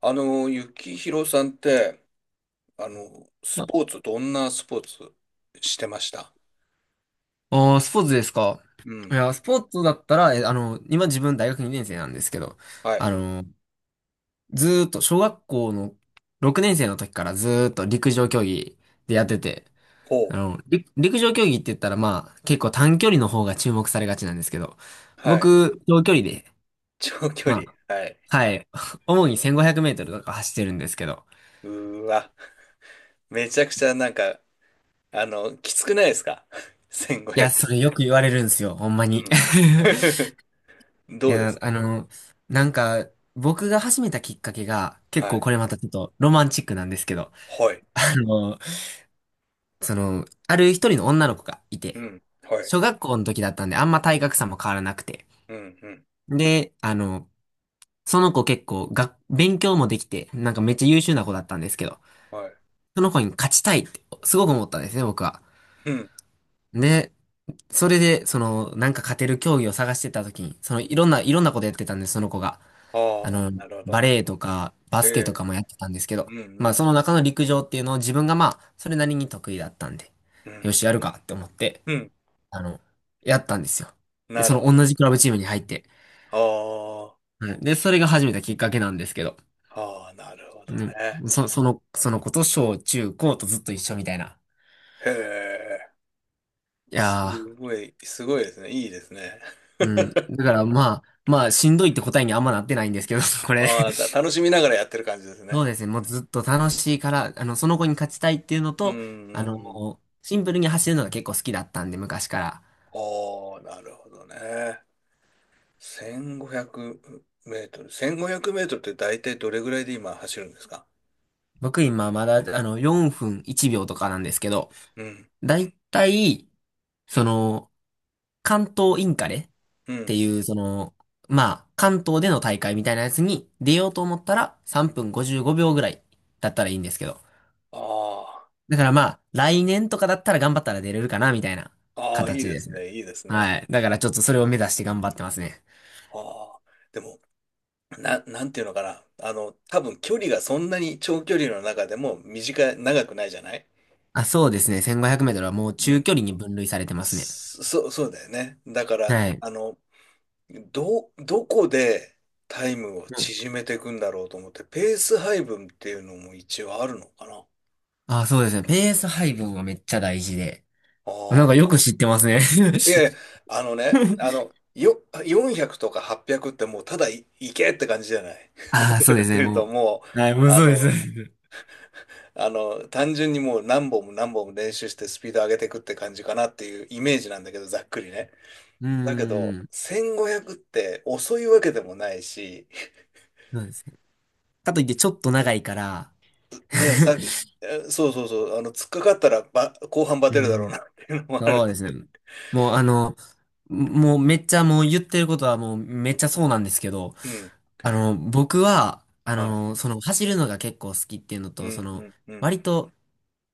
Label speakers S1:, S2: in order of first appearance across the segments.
S1: 幸宏さんって、ス
S2: あ、
S1: ポーツ、どんなスポーツしてました？
S2: スポーツですか。
S1: う
S2: い
S1: ん。
S2: や、スポーツだったら、え、あの、今自分大学2年生なんですけど、
S1: は
S2: あ
S1: い。
S2: の、ずーっと小学校の6年生の時からずーっと陸上競技でやってて、
S1: ほう。
S2: 陸上競技って言ったら、まあ結構短距離の方が注目されがちなんですけど、
S1: はい。
S2: 僕、長距離で、
S1: 長距
S2: ま
S1: 離。
S2: あ、
S1: はい。
S2: はい、主に1500メートルとか走ってるんですけど、
S1: うーわ。めちゃくちゃなんか、きつくないですか？
S2: いや、
S1: 1500。
S2: それよく言われるんですよ、ほんま に。
S1: う ん。
S2: い
S1: どうで
S2: や、
S1: すか？
S2: なんか、僕が始めたきっかけが、結
S1: は
S2: 構
S1: い。
S2: これまたちょっとロマンチックなんですけど、
S1: はい。
S2: あの、ある一人の女の子がい
S1: う
S2: て、
S1: ん。はい。
S2: 小学校の時だったんで、あんま体格差も変わらなくて。
S1: うん。うん。
S2: で、その子結構が、勉強もできて、なんかめっちゃ優秀な子だったんですけど、
S1: はい。
S2: その子に勝ちたいって、すごく思ったんですね、僕は。
S1: うん。
S2: で、それで、なんか勝てる競技を探してた時に、いろんなことやってたんです、その子が。あ
S1: ああ、
S2: の、
S1: なるほ
S2: バ
S1: ど。
S2: レエとか、バ
S1: え
S2: スケと
S1: え。
S2: かもやってたんですけ
S1: う
S2: ど、
S1: ん。う
S2: まあ、
S1: ん。
S2: そ
S1: う
S2: の
S1: ん。
S2: 中の陸上っていうのを自分がまあ、それなりに得意だったんで、
S1: う
S2: よ
S1: ん。
S2: し、やるかって思って、
S1: うん。
S2: あの、やったんですよ。で、
S1: な
S2: そ
S1: る
S2: の
S1: ほ
S2: 同
S1: ど。
S2: じクラブチームに入って、
S1: あ
S2: うんで、それが始めたきっかけなんですけど、
S1: あ、ああ、なるほど
S2: う
S1: ね。
S2: ん、その子と小中高とずっと一緒みたいな。
S1: へえ。
S2: い
S1: す
S2: や
S1: すごいですね。いいですね。
S2: ー、う ん。だからまあ、しんどいって答えにあんまなってないんですけど、これ。
S1: ああ、楽しみながらやってる感じです
S2: そう
S1: ね。
S2: ですね。もうずっと楽しいから、その子に勝ちたいっていうの
S1: うんうん
S2: と、
S1: うん。
S2: もう、シンプルに走るのが結構好きだったんで、昔から。
S1: おー、なるほどね。1500メートル。1500メートルって大体どれぐらいで今走るんですか？
S2: 僕今まだ、4分1秒とかなんですけど、
S1: うん、
S2: だいたい、その、関東インカレっ
S1: う
S2: て
S1: ん。
S2: いう、まあ、関東での大会みたいなやつに出ようと思ったら、
S1: う
S2: 3
S1: ん。
S2: 分55秒ぐらいだったらいいんですけど。
S1: あ
S2: だからまあ、来年とかだったら頑張ったら出れるかな、みたいな
S1: あ、ああ、いい
S2: 形
S1: で
S2: です
S1: す
S2: ね。
S1: ね、いいですね。
S2: はい。だからちょっとそれを目指して頑張ってますね。
S1: ああ、でも、なんていうのかな。あの、多分距離がそんなに長距離の中でも短い、長くないじゃない？
S2: あ、そうですね。1500メートルはもう
S1: う
S2: 中
S1: ん。
S2: 距離に分類されてますね。
S1: そうだよね。だから、
S2: はい。
S1: あの、どこでタイムを
S2: うん。
S1: 縮めていくんだろうと思って、ペース配分っていうのも一応あるのかな。
S2: あ、そうですね。ペース配分はめっちゃ大事で。
S1: あ
S2: なんか
S1: あ。
S2: よく知ってますね。
S1: いやいや、あのね、400とか800っぴゃくってもうただい、いけって感じじゃない。ど
S2: あ
S1: ち
S2: あ、そ
S1: ら
S2: う
S1: か
S2: です
S1: と
S2: ね。
S1: いうと
S2: も
S1: もう、
S2: う。はい、もう
S1: あ
S2: そうです。う
S1: の、あの、単純にもう何本も何本も練習してスピード上げていくって感じかなっていうイメージなんだけど、ざっくりね。
S2: ー
S1: だけど、
S2: ん。
S1: 1500って遅いわけでもないし、
S2: そうですね。かといってちょっと長いから。
S1: ね、さっき、そうそうそう、あの、突っかかったらば、後半バ
S2: うー
S1: テるだろうな
S2: ん。
S1: っていうのもあるん
S2: そ
S1: で
S2: うで
S1: す。
S2: すね。もうあの、もうめっちゃもう言ってることはもうめっちゃそうなんですけど、
S1: うん、
S2: 僕は、
S1: はい。
S2: 走るのが結構好きっていうの
S1: う
S2: と、
S1: ん、うん、うん。
S2: 割と、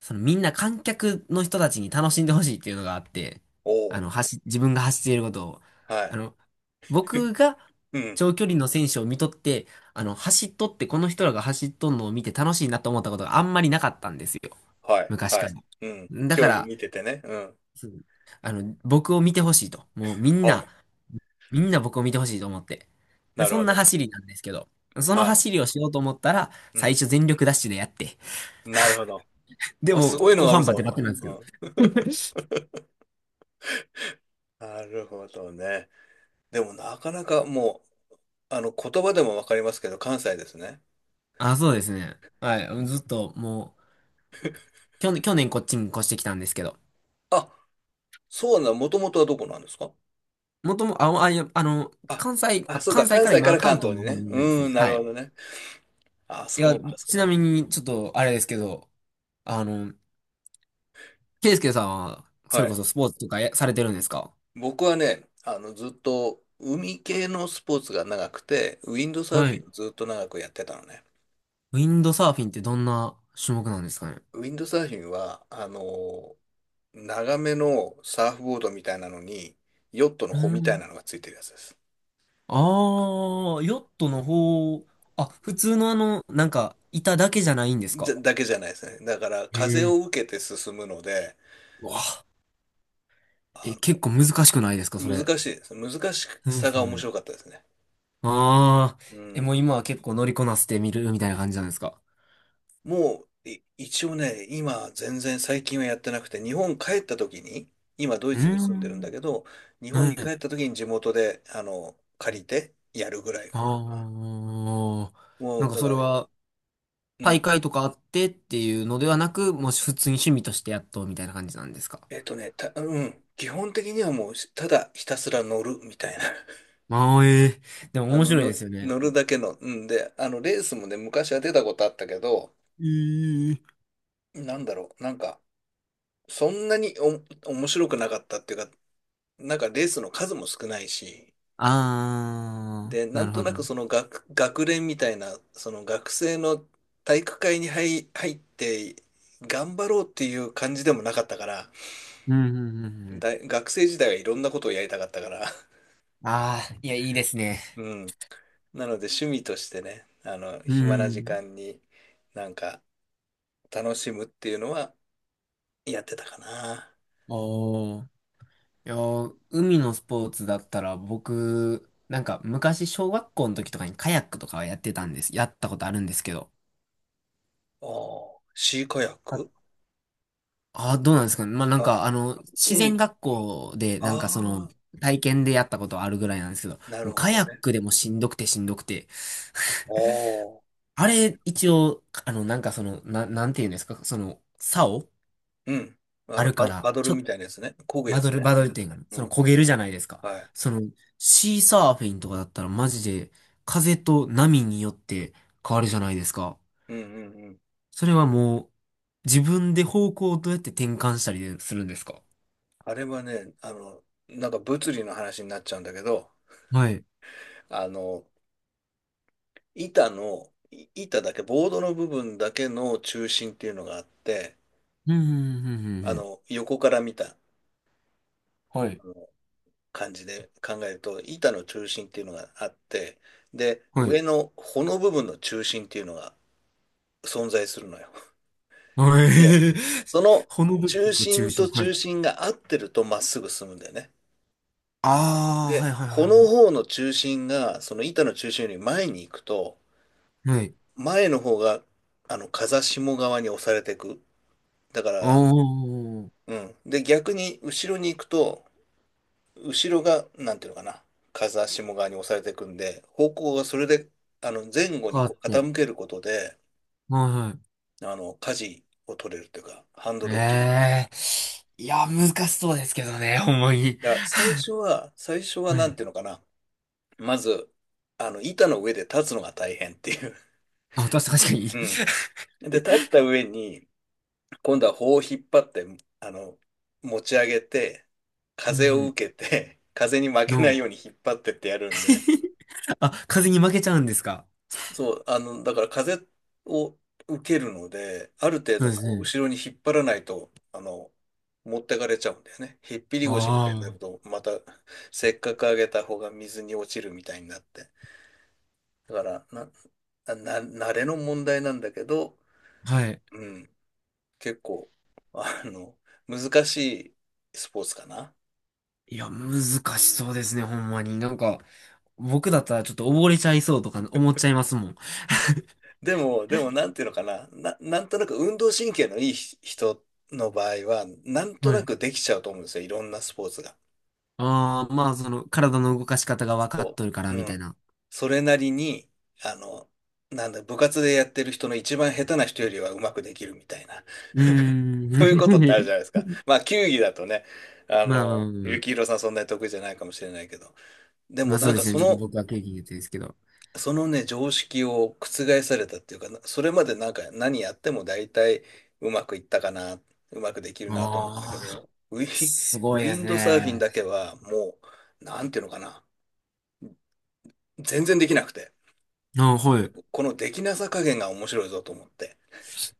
S2: みんな観客の人たちに楽しんでほしいっていうのがあって、
S1: お。
S2: 自分が走っていることを、
S1: おは
S2: あ
S1: い。
S2: の、僕が
S1: うん、
S2: 長距離の選手を見とって、走っとってこの人らが走っとんのを見て楽しいなと思ったことがあんまりなかったんですよ。
S1: はい、
S2: 昔
S1: は
S2: か
S1: い。
S2: ら。
S1: うん。
S2: だか
S1: 競技
S2: ら、
S1: 見ててね。うん。
S2: うん僕を見てほしいと。もうみん
S1: お
S2: な、
S1: う、
S2: みんな僕を見てほしいと思って。で、
S1: なる
S2: そん
S1: ほ
S2: な
S1: ど。
S2: 走りなんですけど、その
S1: は
S2: 走りをしようと思ったら、
S1: い。う
S2: 最
S1: ん、
S2: 初全力ダッシュでやって、
S1: なるほど。
S2: で
S1: あ、
S2: も、
S1: すごいの
S2: 後
S1: がある
S2: 半バ
S1: ぞ、
S2: テバテ
S1: と。
S2: なんですけ
S1: う
S2: ど。
S1: ん。なるほどね。でも、なかなかもう、あの、言葉でもわかりますけど、関西ですね。
S2: あ、そうですね。はい。ずっと、もう、去年こっちに越してきたんですけど、
S1: あ、そうなもともとはどこなんですか？
S2: もとも、あ、あ、いや、
S1: あ、そうか、
S2: 関西
S1: 関
S2: から
S1: 西か
S2: 今、
S1: ら
S2: 関
S1: 関
S2: 東
S1: 東に
S2: の方
S1: ね。
S2: にいるんです
S1: う
S2: ね。
S1: ん、な
S2: は
S1: る
S2: い。
S1: ほどね。あ、
S2: いや、
S1: そう
S2: ち
S1: か。
S2: なみに、ちょっと、あれですけど、あの、ケイスケさんは、そ
S1: は
S2: れこ
S1: い。
S2: そスポーツとかやされてるんですか？
S1: 僕はね、あの、ずっと海系のスポーツが長くて、ウィンドサーフ
S2: は
S1: ィ
S2: い。
S1: ンをずっと長くやってたのね。
S2: ウィンドサーフィンってどんな種目なんですかね？
S1: ウィンドサーフィンは、あの、長めのサーフボードみたいなのに、ヨットの
S2: う
S1: 帆みたい
S2: ん。
S1: なのがついてるやつです。
S2: ああ、ヨットの方、あ、普通の板だけじゃないんです
S1: じ
S2: か？
S1: ゃ、だけじゃないですね。だから、
S2: へ
S1: 風を
S2: え。
S1: 受けて進むので、
S2: うわあ、
S1: あ
S2: 結
S1: の、
S2: 構難しくないですか、それ。
S1: 難しいです。難し
S2: そうで
S1: さ
S2: す
S1: が面
S2: ね。
S1: 白かったですね。
S2: ああ、
S1: うん。
S2: もう今は結構乗りこなしてみるみたいな感じなんですか？
S1: もう、一応ね、今、全然最近はやってなくて、日本帰った時に、今、ドイ
S2: う
S1: ツ
S2: ー
S1: に住んでるんだ
S2: ん。
S1: けど、日本
S2: は
S1: に帰
S2: い。
S1: った時に地元で、あの、借りてやるぐらい
S2: あ
S1: かな。
S2: あ、
S1: も
S2: なん
S1: う、
S2: か
S1: だか
S2: そ
S1: ら、
S2: れ
S1: う
S2: は、大
S1: ん。
S2: 会とかあってっていうのではなく、もう普通に趣味としてやっとみたいな感じなんですか？
S1: うん。基本的にはもう、ただひたすら乗るみたいな。
S2: ああ、ええ、でも面白いですよね。
S1: 乗るだけの。うん。で、あの、レースもね、昔は出たことあったけど、
S2: えー
S1: なんだろう、なんか、そんなに面白くなかったっていうか、なんかレースの数も少ないし、
S2: あ
S1: で、
S2: ー、
S1: な
S2: な
S1: ん
S2: る
S1: と
S2: ほ
S1: な
S2: ど。
S1: く
S2: う
S1: その学連みたいな、その学生の体育会に入って、頑張ろうっていう感じでもなかったから、
S2: ん、うん、うん。うん
S1: 大学生時代はいろんなことをやりたかったから、
S2: あー、いや、いいですね。
S1: うん。なので趣味としてね、あの、
S2: う
S1: 暇な時
S2: ん。
S1: 間になんか楽しむっていうのはやってたかな。
S2: おー。いやー、海のスポーツだったら、僕、なんか、昔、小学校の時とかにカヤックとかはやってたんです。やったことあるんですけど。
S1: おー、シーカヤッ
S2: あ、
S1: ク？
S2: どうなんですかね。まあ、なん
S1: あ、
S2: か、自然
S1: 海。
S2: 学校で、なんか
S1: ああ、
S2: 体験でやったことあるぐらいなんですけど、
S1: な
S2: も
S1: る
S2: う
S1: ほ
S2: カ
S1: ど
S2: ヤッ
S1: ね。
S2: クでもしんどくてしんどくて、
S1: おー、
S2: あれ、一応、なんかなんていうんですか、竿
S1: うん。
S2: あるか
S1: パ
S2: ら、
S1: ド
S2: ち
S1: ル
S2: ょっ
S1: み
S2: と、
S1: たいなやつね。漕ぐやつね。
S2: バド
S1: う
S2: ル
S1: ん。
S2: 点がある。その焦げるじゃないですか。
S1: はい。
S2: その、シーサーフィンとかだったらマジで、風と波によって変わるじゃないですか。
S1: うんうんうん。
S2: それはもう、自分で方向をどうやって転換したりするんですか？
S1: あれはね、あの、なんか物理の話になっちゃうんだけど、
S2: はい。
S1: あの、板の、い板だけ、ボードの部分だけの中心っていうのがあって、
S2: うん、うん、うん、う
S1: あ
S2: んうん。
S1: の、横から見た
S2: はい。
S1: あの感じで考えると、板の中心っていうのがあって、で、
S2: はい。
S1: 上の穂の部分の中心っていうのが存在するのよ。
S2: はい。
S1: で、その
S2: ほのぶる
S1: 中
S2: の中
S1: 心
S2: 心。
S1: と
S2: はい。
S1: 中心が合ってるとまっすぐ進むんだよね。
S2: ああ、
S1: で、
S2: はい、はい、
S1: 穂の
S2: は
S1: 方の中心が、その板の中心より前に行くと、
S2: い。はい。はい。
S1: 前の方が、あの、風下側に押されていく。だか
S2: お
S1: ら、
S2: ー、
S1: うん。で、逆に後ろに行くと、後ろが、なんていうのかな、風下側に押されていくんで、方向がそれで、あの、前後に
S2: 変わっ
S1: こう
S2: て。
S1: 傾けることで、
S2: はい、はい。
S1: あの、舵を取れるというか、ハンドルを切る。
S2: ええーいや、難しそうですけどね、ほんまに。
S1: だから最初は
S2: は
S1: な
S2: い。
S1: んていうのかな、まず、あの、板の上で立つのが大変っていう。
S2: あ、確かに。
S1: うん。で、立った上に、今度は棒を引っ張って、あの、持ち上げて、
S2: う
S1: 風を
S2: ん。
S1: 受けて、風に負けない
S2: の。
S1: ように引っ張ってってやるんで、
S2: あ、風に負けちゃうんですか？
S1: そう、あの、だから風を受けるので、ある程
S2: そう
S1: 度
S2: です
S1: こう、
S2: ね。
S1: 後ろに引っ張らないと、あの、持ってかれちゃうんだよね。ひっぴり腰みたいにな
S2: あ
S1: る
S2: あ。
S1: と、また、せっかく上げた方が水に落ちるみたいになって。だから、な、な、慣れの問題なんだけど、
S2: はい。
S1: うん、結構、あの、難しいスポーツかな。
S2: いや、難
S1: う
S2: し
S1: ん。
S2: そうですね、ほんまに。なんか、僕だったらちょっと溺れちゃいそうとか思っちゃいますもん。
S1: でも、なんていうのかな、なんとなく運動神経のいい人の場合は、なんと
S2: は
S1: な
S2: い。
S1: くできちゃうと思うんですよ、いろんなスポーツが。
S2: ああ、まあ、体の動かし方が分かっ
S1: そ
S2: とるから、
S1: う。う
S2: みたい
S1: ん。
S2: な。
S1: それなりに、あの、なんだ、部活でやってる人の一番下手な人よりはうまくできるみたいな、
S2: う
S1: そういうことってある
S2: ー
S1: じゃないです
S2: ん。
S1: か。まあ、球技だとね、あ
S2: まあ、まあ、
S1: の、
S2: ま
S1: 幸
S2: あ
S1: 宏さんそんなに得意じゃないかもしれないけど、で
S2: ま
S1: も
S2: あそ
S1: な
S2: う
S1: ん
S2: で
S1: か
S2: すね。
S1: そ
S2: ちょっと
S1: の
S2: 僕は経験言ってですけど。
S1: そのね、常識を覆されたっていうか、なそれまでなんか何やっても大体うまくいったかな、うまくできるなと思ったけ
S2: ああ、
S1: ど、
S2: すご
S1: ウ
S2: いで
S1: ィ
S2: す
S1: ンドサーフィン
S2: ね。
S1: だけはもう、なんていうのかな、全然できなくて、
S2: ああ、はい。
S1: このできなさ加減が面白いぞと思って。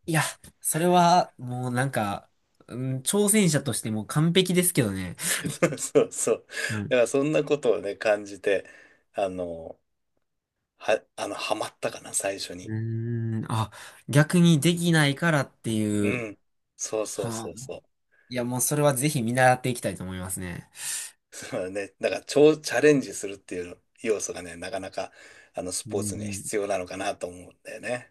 S2: いや、それは、もうなんか、うん、挑戦者としてもう完璧ですけどね。
S1: そうそう。
S2: うん。
S1: だからそんなことをね、感じて、あの、あの、ハマったかな、最初
S2: う
S1: に。
S2: ーん、あ、逆にできないからって
S1: う
S2: いう。
S1: ん。そうそうそ
S2: はあ、
S1: うそう。
S2: いや、もうそれはぜひ見習っていきたいと思いますね。
S1: そうだね。だから、超チャレンジするっていう要素がね、なかなか、あの、ス
S2: う
S1: ポーツには
S2: ん。
S1: 必要なのかなと思うんだよね。